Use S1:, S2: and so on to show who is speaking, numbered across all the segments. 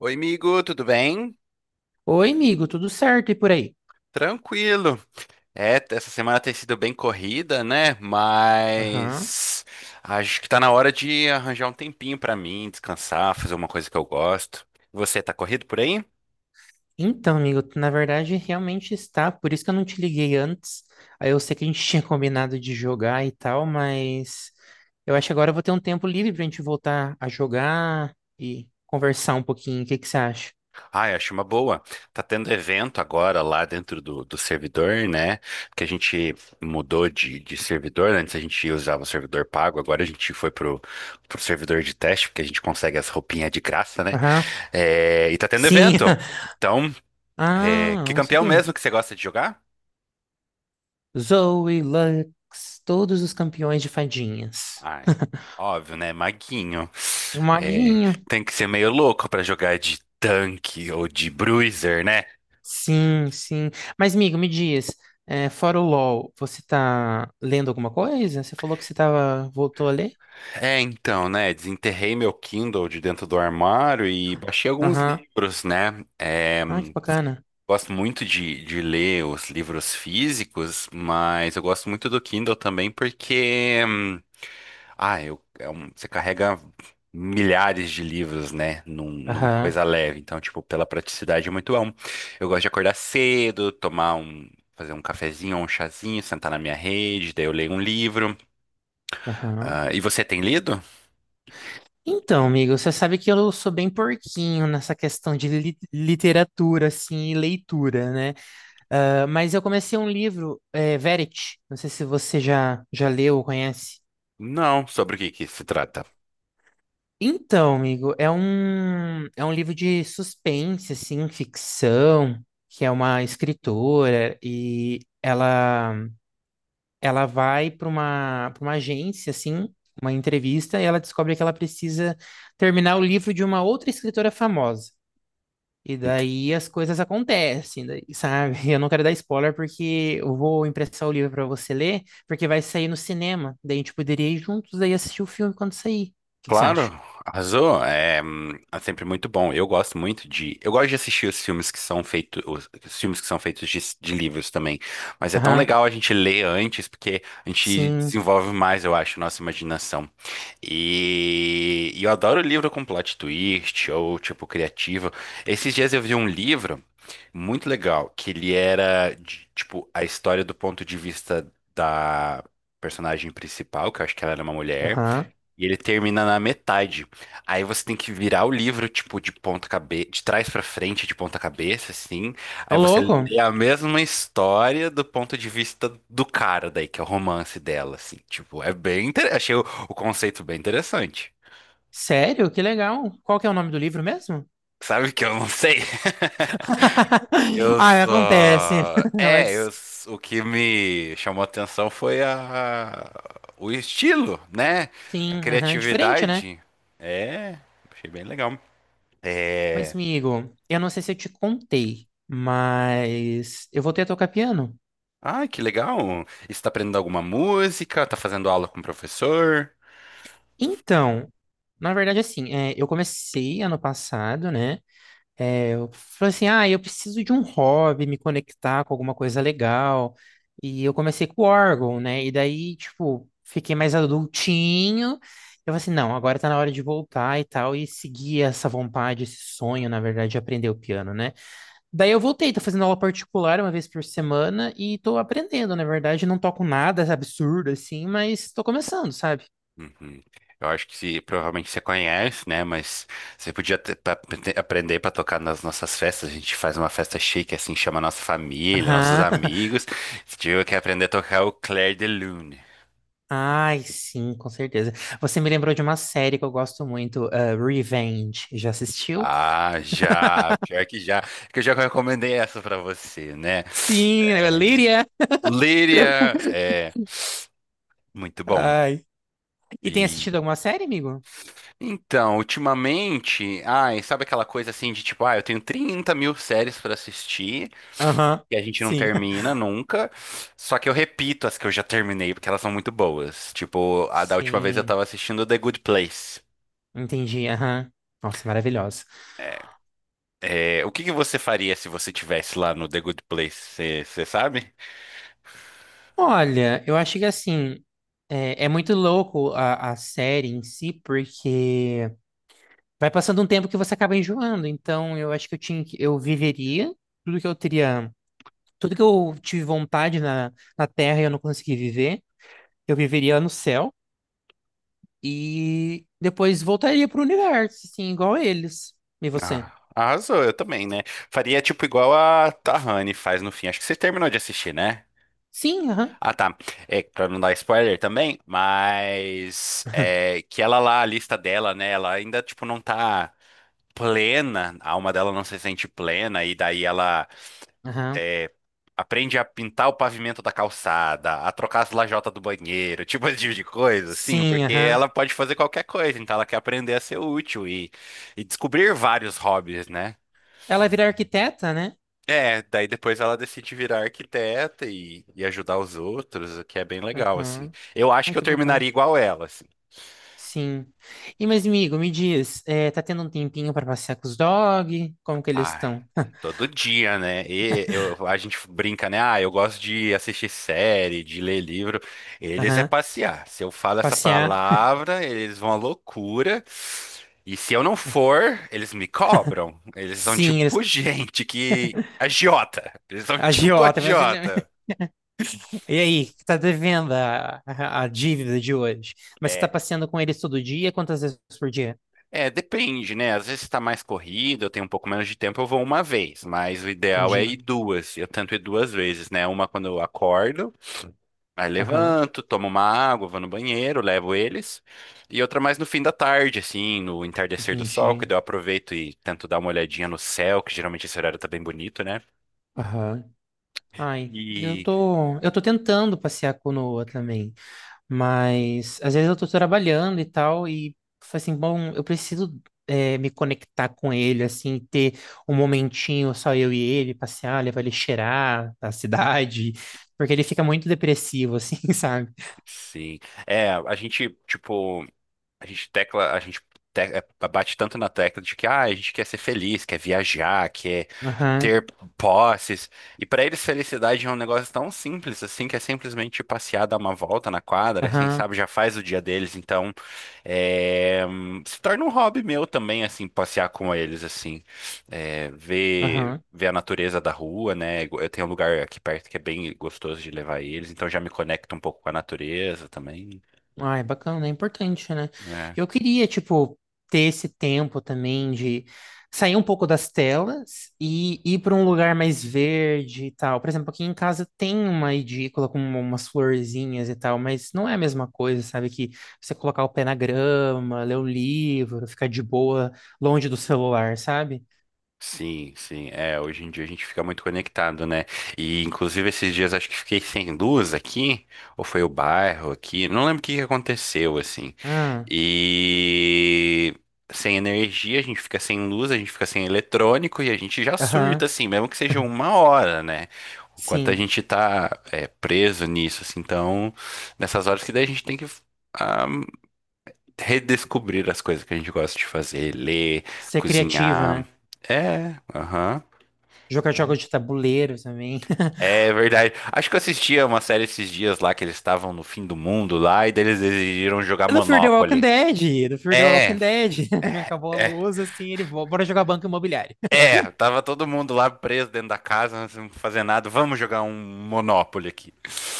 S1: Oi, amigo, tudo bem?
S2: Oi, amigo, tudo certo e por aí?
S1: Tranquilo. É, essa semana tem sido bem corrida, né?
S2: Aham.
S1: Mas acho que tá na hora de arranjar um tempinho pra mim, descansar, fazer uma coisa que eu gosto. Você tá corrido por aí?
S2: Então, amigo, tu, na verdade realmente está, por isso que eu não te liguei antes. Aí eu sei que a gente tinha combinado de jogar e tal, mas eu acho que agora eu vou ter um tempo livre pra gente voltar a jogar e conversar um pouquinho. O que que você acha?
S1: Ai, acho uma boa. Tá tendo evento agora lá dentro do servidor, né? Porque a gente mudou de servidor. Antes a gente usava o servidor pago, agora a gente foi pro servidor de teste, porque a gente consegue as roupinhas de graça, né?
S2: Aham.
S1: É, e tá tendo
S2: Sim.
S1: evento. Então. É,
S2: Ah,
S1: que
S2: não
S1: campeão
S2: sabia.
S1: mesmo que você gosta de jogar?
S2: Zoe, Lux, todos os campeões de fadinhas.
S1: Ai, óbvio, né? Maguinho.
S2: É uma.
S1: É, tem que ser meio louco pra jogar de tanque ou de bruiser, né?
S2: Sim, sim. Mas, amigo, me diz, fora o LOL, você tá lendo alguma coisa? Você falou que você tava, voltou a ler?
S1: É, então, né? Desenterrei meu Kindle de dentro do armário e baixei alguns
S2: Aham.
S1: livros, né? É,
S2: Ah, que bacana.
S1: gosto muito de ler os livros físicos, mas eu gosto muito do Kindle também porque você carrega milhares de livros, né, numa coisa
S2: Aham,
S1: leve. Então, tipo, pela praticidade é muito bom. Eu gosto de acordar cedo, fazer um cafezinho ou um chazinho, sentar na minha rede, daí eu leio um livro.
S2: aham.
S1: Ah, e você tem lido?
S2: Então, amigo, você sabe que eu sou bem porquinho nessa questão de literatura, assim, e leitura, né? Ah, mas eu comecei um livro, Verity. Não sei se você já leu ou conhece.
S1: Não, sobre o que que se trata?
S2: Então, amigo, é um livro de suspense, assim, ficção, que é uma escritora e ela vai para para uma agência, assim, uma entrevista, e ela descobre que ela precisa terminar o livro de uma outra escritora famosa. E
S1: Ent-
S2: daí as coisas acontecem, daí, sabe? Eu não quero dar spoiler porque eu vou emprestar o livro para você ler, porque vai sair no cinema. Daí a gente poderia ir juntos daí assistir o filme quando sair. O que que você
S1: Claro,
S2: acha?
S1: arrasou. É, é sempre muito bom. Eu gosto muito de. Eu gosto de assistir os filmes que são feitos, os filmes que são feitos de livros também. Mas é tão
S2: Aham,
S1: legal a gente ler antes, porque a gente
S2: sim.
S1: desenvolve mais, eu acho, nossa imaginação. E eu adoro livro com plot twist ou tipo criativo. Esses dias eu vi um livro muito legal, que ele era de, tipo a história do ponto de vista da personagem principal, que eu acho que ela era uma mulher.
S2: Aham.
S1: E ele termina na metade. Aí você tem que virar o livro, tipo, de ponta cabeça, de trás pra frente, de ponta cabeça, assim.
S2: Ô,
S1: Aí você
S2: louco.
S1: lê a mesma história do ponto de vista do cara daí, que é o romance dela, assim. Achei o conceito bem interessante.
S2: Sério? Que legal. Qual que é o nome do livro mesmo?
S1: Sabe que eu não sei? Eu
S2: Ah, acontece.
S1: só. É, eu...
S2: Mas
S1: s- O que me chamou a atenção foi o estilo, né? A
S2: sim, aham. Diferente, né?
S1: criatividade. É, achei bem legal.
S2: Mas,
S1: É.
S2: amigo, eu não sei se eu te contei, mas eu voltei a tocar piano.
S1: Ah, que legal! E você tá aprendendo alguma música? Tá fazendo aula com o professor?
S2: Então, na verdade, assim, eu comecei ano passado, né? É, eu falei assim, ah, eu preciso de um hobby, me conectar com alguma coisa legal. E eu comecei com o órgão, né? E daí, tipo, fiquei mais adultinho. Eu falei assim, não, agora tá na hora de voltar e tal, e seguir essa vontade, esse sonho, na verdade, de aprender o piano, né? Daí eu voltei, tô fazendo aula particular uma vez por semana e tô aprendendo, na verdade, não toco nada absurdo assim, mas tô começando, sabe?
S1: Uhum. Eu acho que provavelmente você conhece, né? Mas você podia aprender para tocar nas nossas festas. A gente faz uma festa chique, assim, chama nossa família, nossos
S2: Aham.
S1: amigos. Você tiver que aprender a tocar o Clair de Lune.
S2: Ai, sim, com certeza. Você me lembrou de uma série que eu gosto muito, Revenge. Já assistiu?
S1: Ah, já! Pior que já. Que eu já recomendei essa para você, né?
S2: Sim, é Lyria.
S1: Líria, é muito bom.
S2: Ai. E tem assistido alguma série, amigo?
S1: Então, ultimamente, ai, sabe aquela coisa assim de tipo, ah, eu tenho 30 mil séries pra assistir
S2: Aham,
S1: e a gente não
S2: sim.
S1: termina nunca. Só que eu repito as que eu já terminei, porque elas são muito boas. Tipo, a da última vez eu
S2: Sim,
S1: tava assistindo The Good Place.
S2: entendi. Aham. Nossa, maravilhosa.
S1: É, o que que você faria se você tivesse lá no The Good Place? Você sabe?
S2: Olha, eu acho que assim, é muito louco a série em si, porque vai passando um tempo que você acaba enjoando. Então, eu acho que eu tinha que, eu viveria tudo que eu teria. Tudo que eu tive vontade na Terra e eu não consegui viver, eu viveria no céu e depois voltaria pro universo, assim, igual eles. E você?
S1: Ah, arrasou, eu também, né? Faria tipo igual a Tahani faz no fim. Acho que você terminou de assistir, né?
S2: Sim, aham.
S1: Ah, tá. É, pra não dar spoiler também, mas é, que ela lá, a lista dela, né? Ela ainda, tipo, não tá plena, a alma dela não se sente plena, e daí ela
S2: Aham.
S1: é, aprende a pintar o pavimento da calçada, a trocar as lajotas do banheiro, tipo esse tipo de coisa, assim,
S2: Sim,
S1: porque
S2: aham.
S1: ela pode fazer qualquer coisa, então ela quer aprender a ser útil e descobrir vários hobbies, né?
S2: Ela vira arquiteta, né?
S1: É, daí depois ela decide virar arquiteta e ajudar os outros, o que é bem legal, assim.
S2: Aham.
S1: Eu acho
S2: Ai,
S1: que eu
S2: que bacana.
S1: terminaria igual ela, assim.
S2: Sim. E, mas, amigo, me diz, tá tendo um tempinho pra passear com os dog? Como que eles
S1: Ai,
S2: estão?
S1: todo dia, né? E a gente brinca, né? Ah, eu gosto de assistir série, de ler livro. Eles é
S2: Aham.
S1: passear. Se eu falo essa
S2: Passear?
S1: palavra, eles vão à loucura. E se eu não for, eles me cobram. Eles são
S2: Sim, eles...
S1: tipo agiota. Eles são tipo
S2: Agiota, mas... né?
S1: agiota.
S2: E aí, que tá devendo a dívida de hoje? Mas você tá
S1: É.
S2: passeando com eles todo dia? Quantas vezes por dia?
S1: É, depende, né? Às vezes está mais corrido, eu tenho um pouco menos de tempo, eu vou uma vez, mas o ideal é ir
S2: Entendi.
S1: duas. Eu tento ir duas vezes, né? Uma quando eu acordo, aí
S2: Aham,
S1: levanto, tomo uma água, vou no banheiro, levo eles, e outra mais no fim da tarde, assim, no entardecer do sol, que
S2: entendi.
S1: daí eu aproveito e tento dar uma olhadinha no céu, que geralmente esse horário tá bem bonito, né?
S2: Aham. Ai,
S1: E
S2: eu tô tentando passear com o Noah também, mas às vezes eu tô trabalhando e tal, e falo assim, bom, eu preciso me conectar com ele, assim, ter um momentinho só eu e ele, passear, levar ele cheirar a cidade, porque ele fica muito depressivo, assim, sabe?
S1: sim, é, a gente tecla, a gente bate tanto na tecla de que ah, a gente quer ser feliz, quer viajar, quer
S2: Aham,
S1: ter posses. E para eles felicidade é um negócio tão simples assim, que é simplesmente passear, dar uma volta na quadra, assim,
S2: aham,
S1: sabe? Já faz o dia deles, então se torna um hobby meu também, assim, passear com eles, assim, é, ver
S2: aham.
S1: ver a natureza da rua, né? Eu tenho um lugar aqui perto que é bem gostoso de levar eles, então já me conecto um pouco com a natureza também.
S2: Ah, é bacana, é importante, né?
S1: Né?
S2: Eu queria, tipo, ter esse tempo também de sair um pouco das telas e ir para um lugar mais verde e tal. Por exemplo, aqui em casa tem uma edícula com umas florzinhas e tal, mas não é a mesma coisa, sabe? Que você colocar o pé na grama, ler o livro, ficar de boa, longe do celular, sabe?
S1: Sim, sim. É, hoje em dia a gente fica muito conectado, né? E inclusive esses dias acho que fiquei sem luz aqui, ou foi o bairro aqui, não lembro o que que aconteceu assim.
S2: Ah,
S1: E sem energia, a gente fica sem luz, a gente fica sem eletrônico e a gente já surta
S2: aham,
S1: assim, mesmo que seja uma hora, né? O quanto a
S2: sim.
S1: gente tá preso nisso, assim, então nessas horas que daí a gente tem que ah, redescobrir as coisas que a gente gosta de fazer, ler,
S2: Ser criativa,
S1: cozinhar.
S2: né?
S1: É, aham.
S2: Jogar
S1: Né?
S2: jogos de tabuleiro também.
S1: É verdade. Acho que eu assistia uma série esses dias lá que eles estavam no fim do mundo lá e daí eles decidiram jogar
S2: É Do Fear the Walking
S1: Monopoly.
S2: Dead, do Fear the
S1: É,
S2: Walking Dead.
S1: é,
S2: Acabou a
S1: é.
S2: luz, assim, ele volta, bora jogar banco imobiliário.
S1: É, tava todo mundo lá preso dentro da casa, sem fazer nada. Vamos jogar um Monopoly aqui.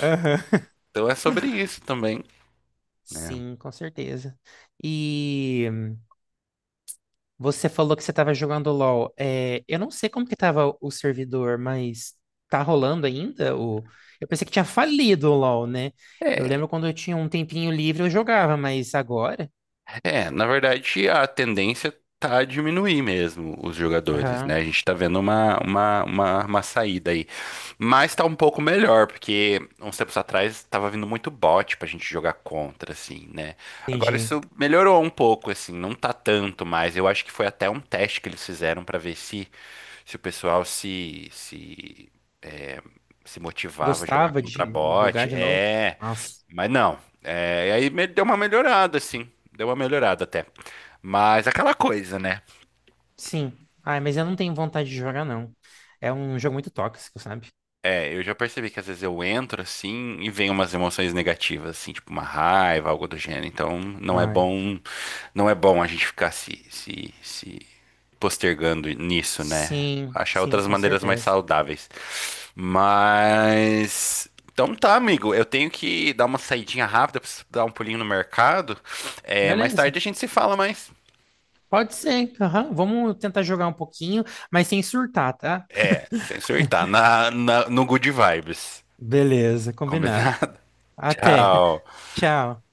S2: Aham.
S1: Então é sobre isso também. Né?
S2: Sim, com certeza. E você falou que você estava jogando LoL. É, eu não sei como que tava o servidor, mas tá rolando ainda? O... Eu pensei que tinha falido o LoL, né? Eu
S1: É.
S2: lembro quando eu tinha um tempinho livre, eu jogava, mas agora?
S1: É, na verdade, a tendência tá a diminuir mesmo os jogadores, né?
S2: Aham,
S1: A gente tá vendo uma saída aí. Mas tá um pouco melhor, porque uns tempos atrás tava vindo muito bot pra gente jogar contra, assim, né? Agora
S2: entendi.
S1: isso melhorou um pouco, assim, não tá tanto mais. Eu acho que foi até um teste que eles fizeram pra ver se o pessoal é, se motivava a jogar
S2: Gostava
S1: contra
S2: de jogar
S1: bot.
S2: de novo?
S1: É.
S2: Nossa.
S1: Mas não, e aí deu uma melhorada, assim. Deu uma melhorada até. Mas aquela coisa, né?
S2: Sim. Ai, mas eu não tenho vontade de jogar, não. É um jogo muito tóxico, sabe?
S1: É, eu já percebi que às vezes eu entro assim e vem umas emoções negativas, assim, tipo uma raiva, algo do gênero. Então não é
S2: Ai.
S1: bom, não é bom a gente ficar se postergando nisso, né?
S2: Sim,
S1: Achar
S2: sim,
S1: outras
S2: com
S1: maneiras mais
S2: certeza.
S1: saudáveis. Então tá, amigo. Eu tenho que dar uma saidinha rápida, preciso dar um pulinho no mercado. É, mais
S2: Beleza.
S1: tarde a gente se fala mais.
S2: Pode ser. Aham. Vamos tentar jogar um pouquinho, mas sem surtar, tá?
S1: É, sem surtar. No Good Vibes.
S2: Beleza, combinado.
S1: Combinado?
S2: Até.
S1: Tchau.
S2: Tchau.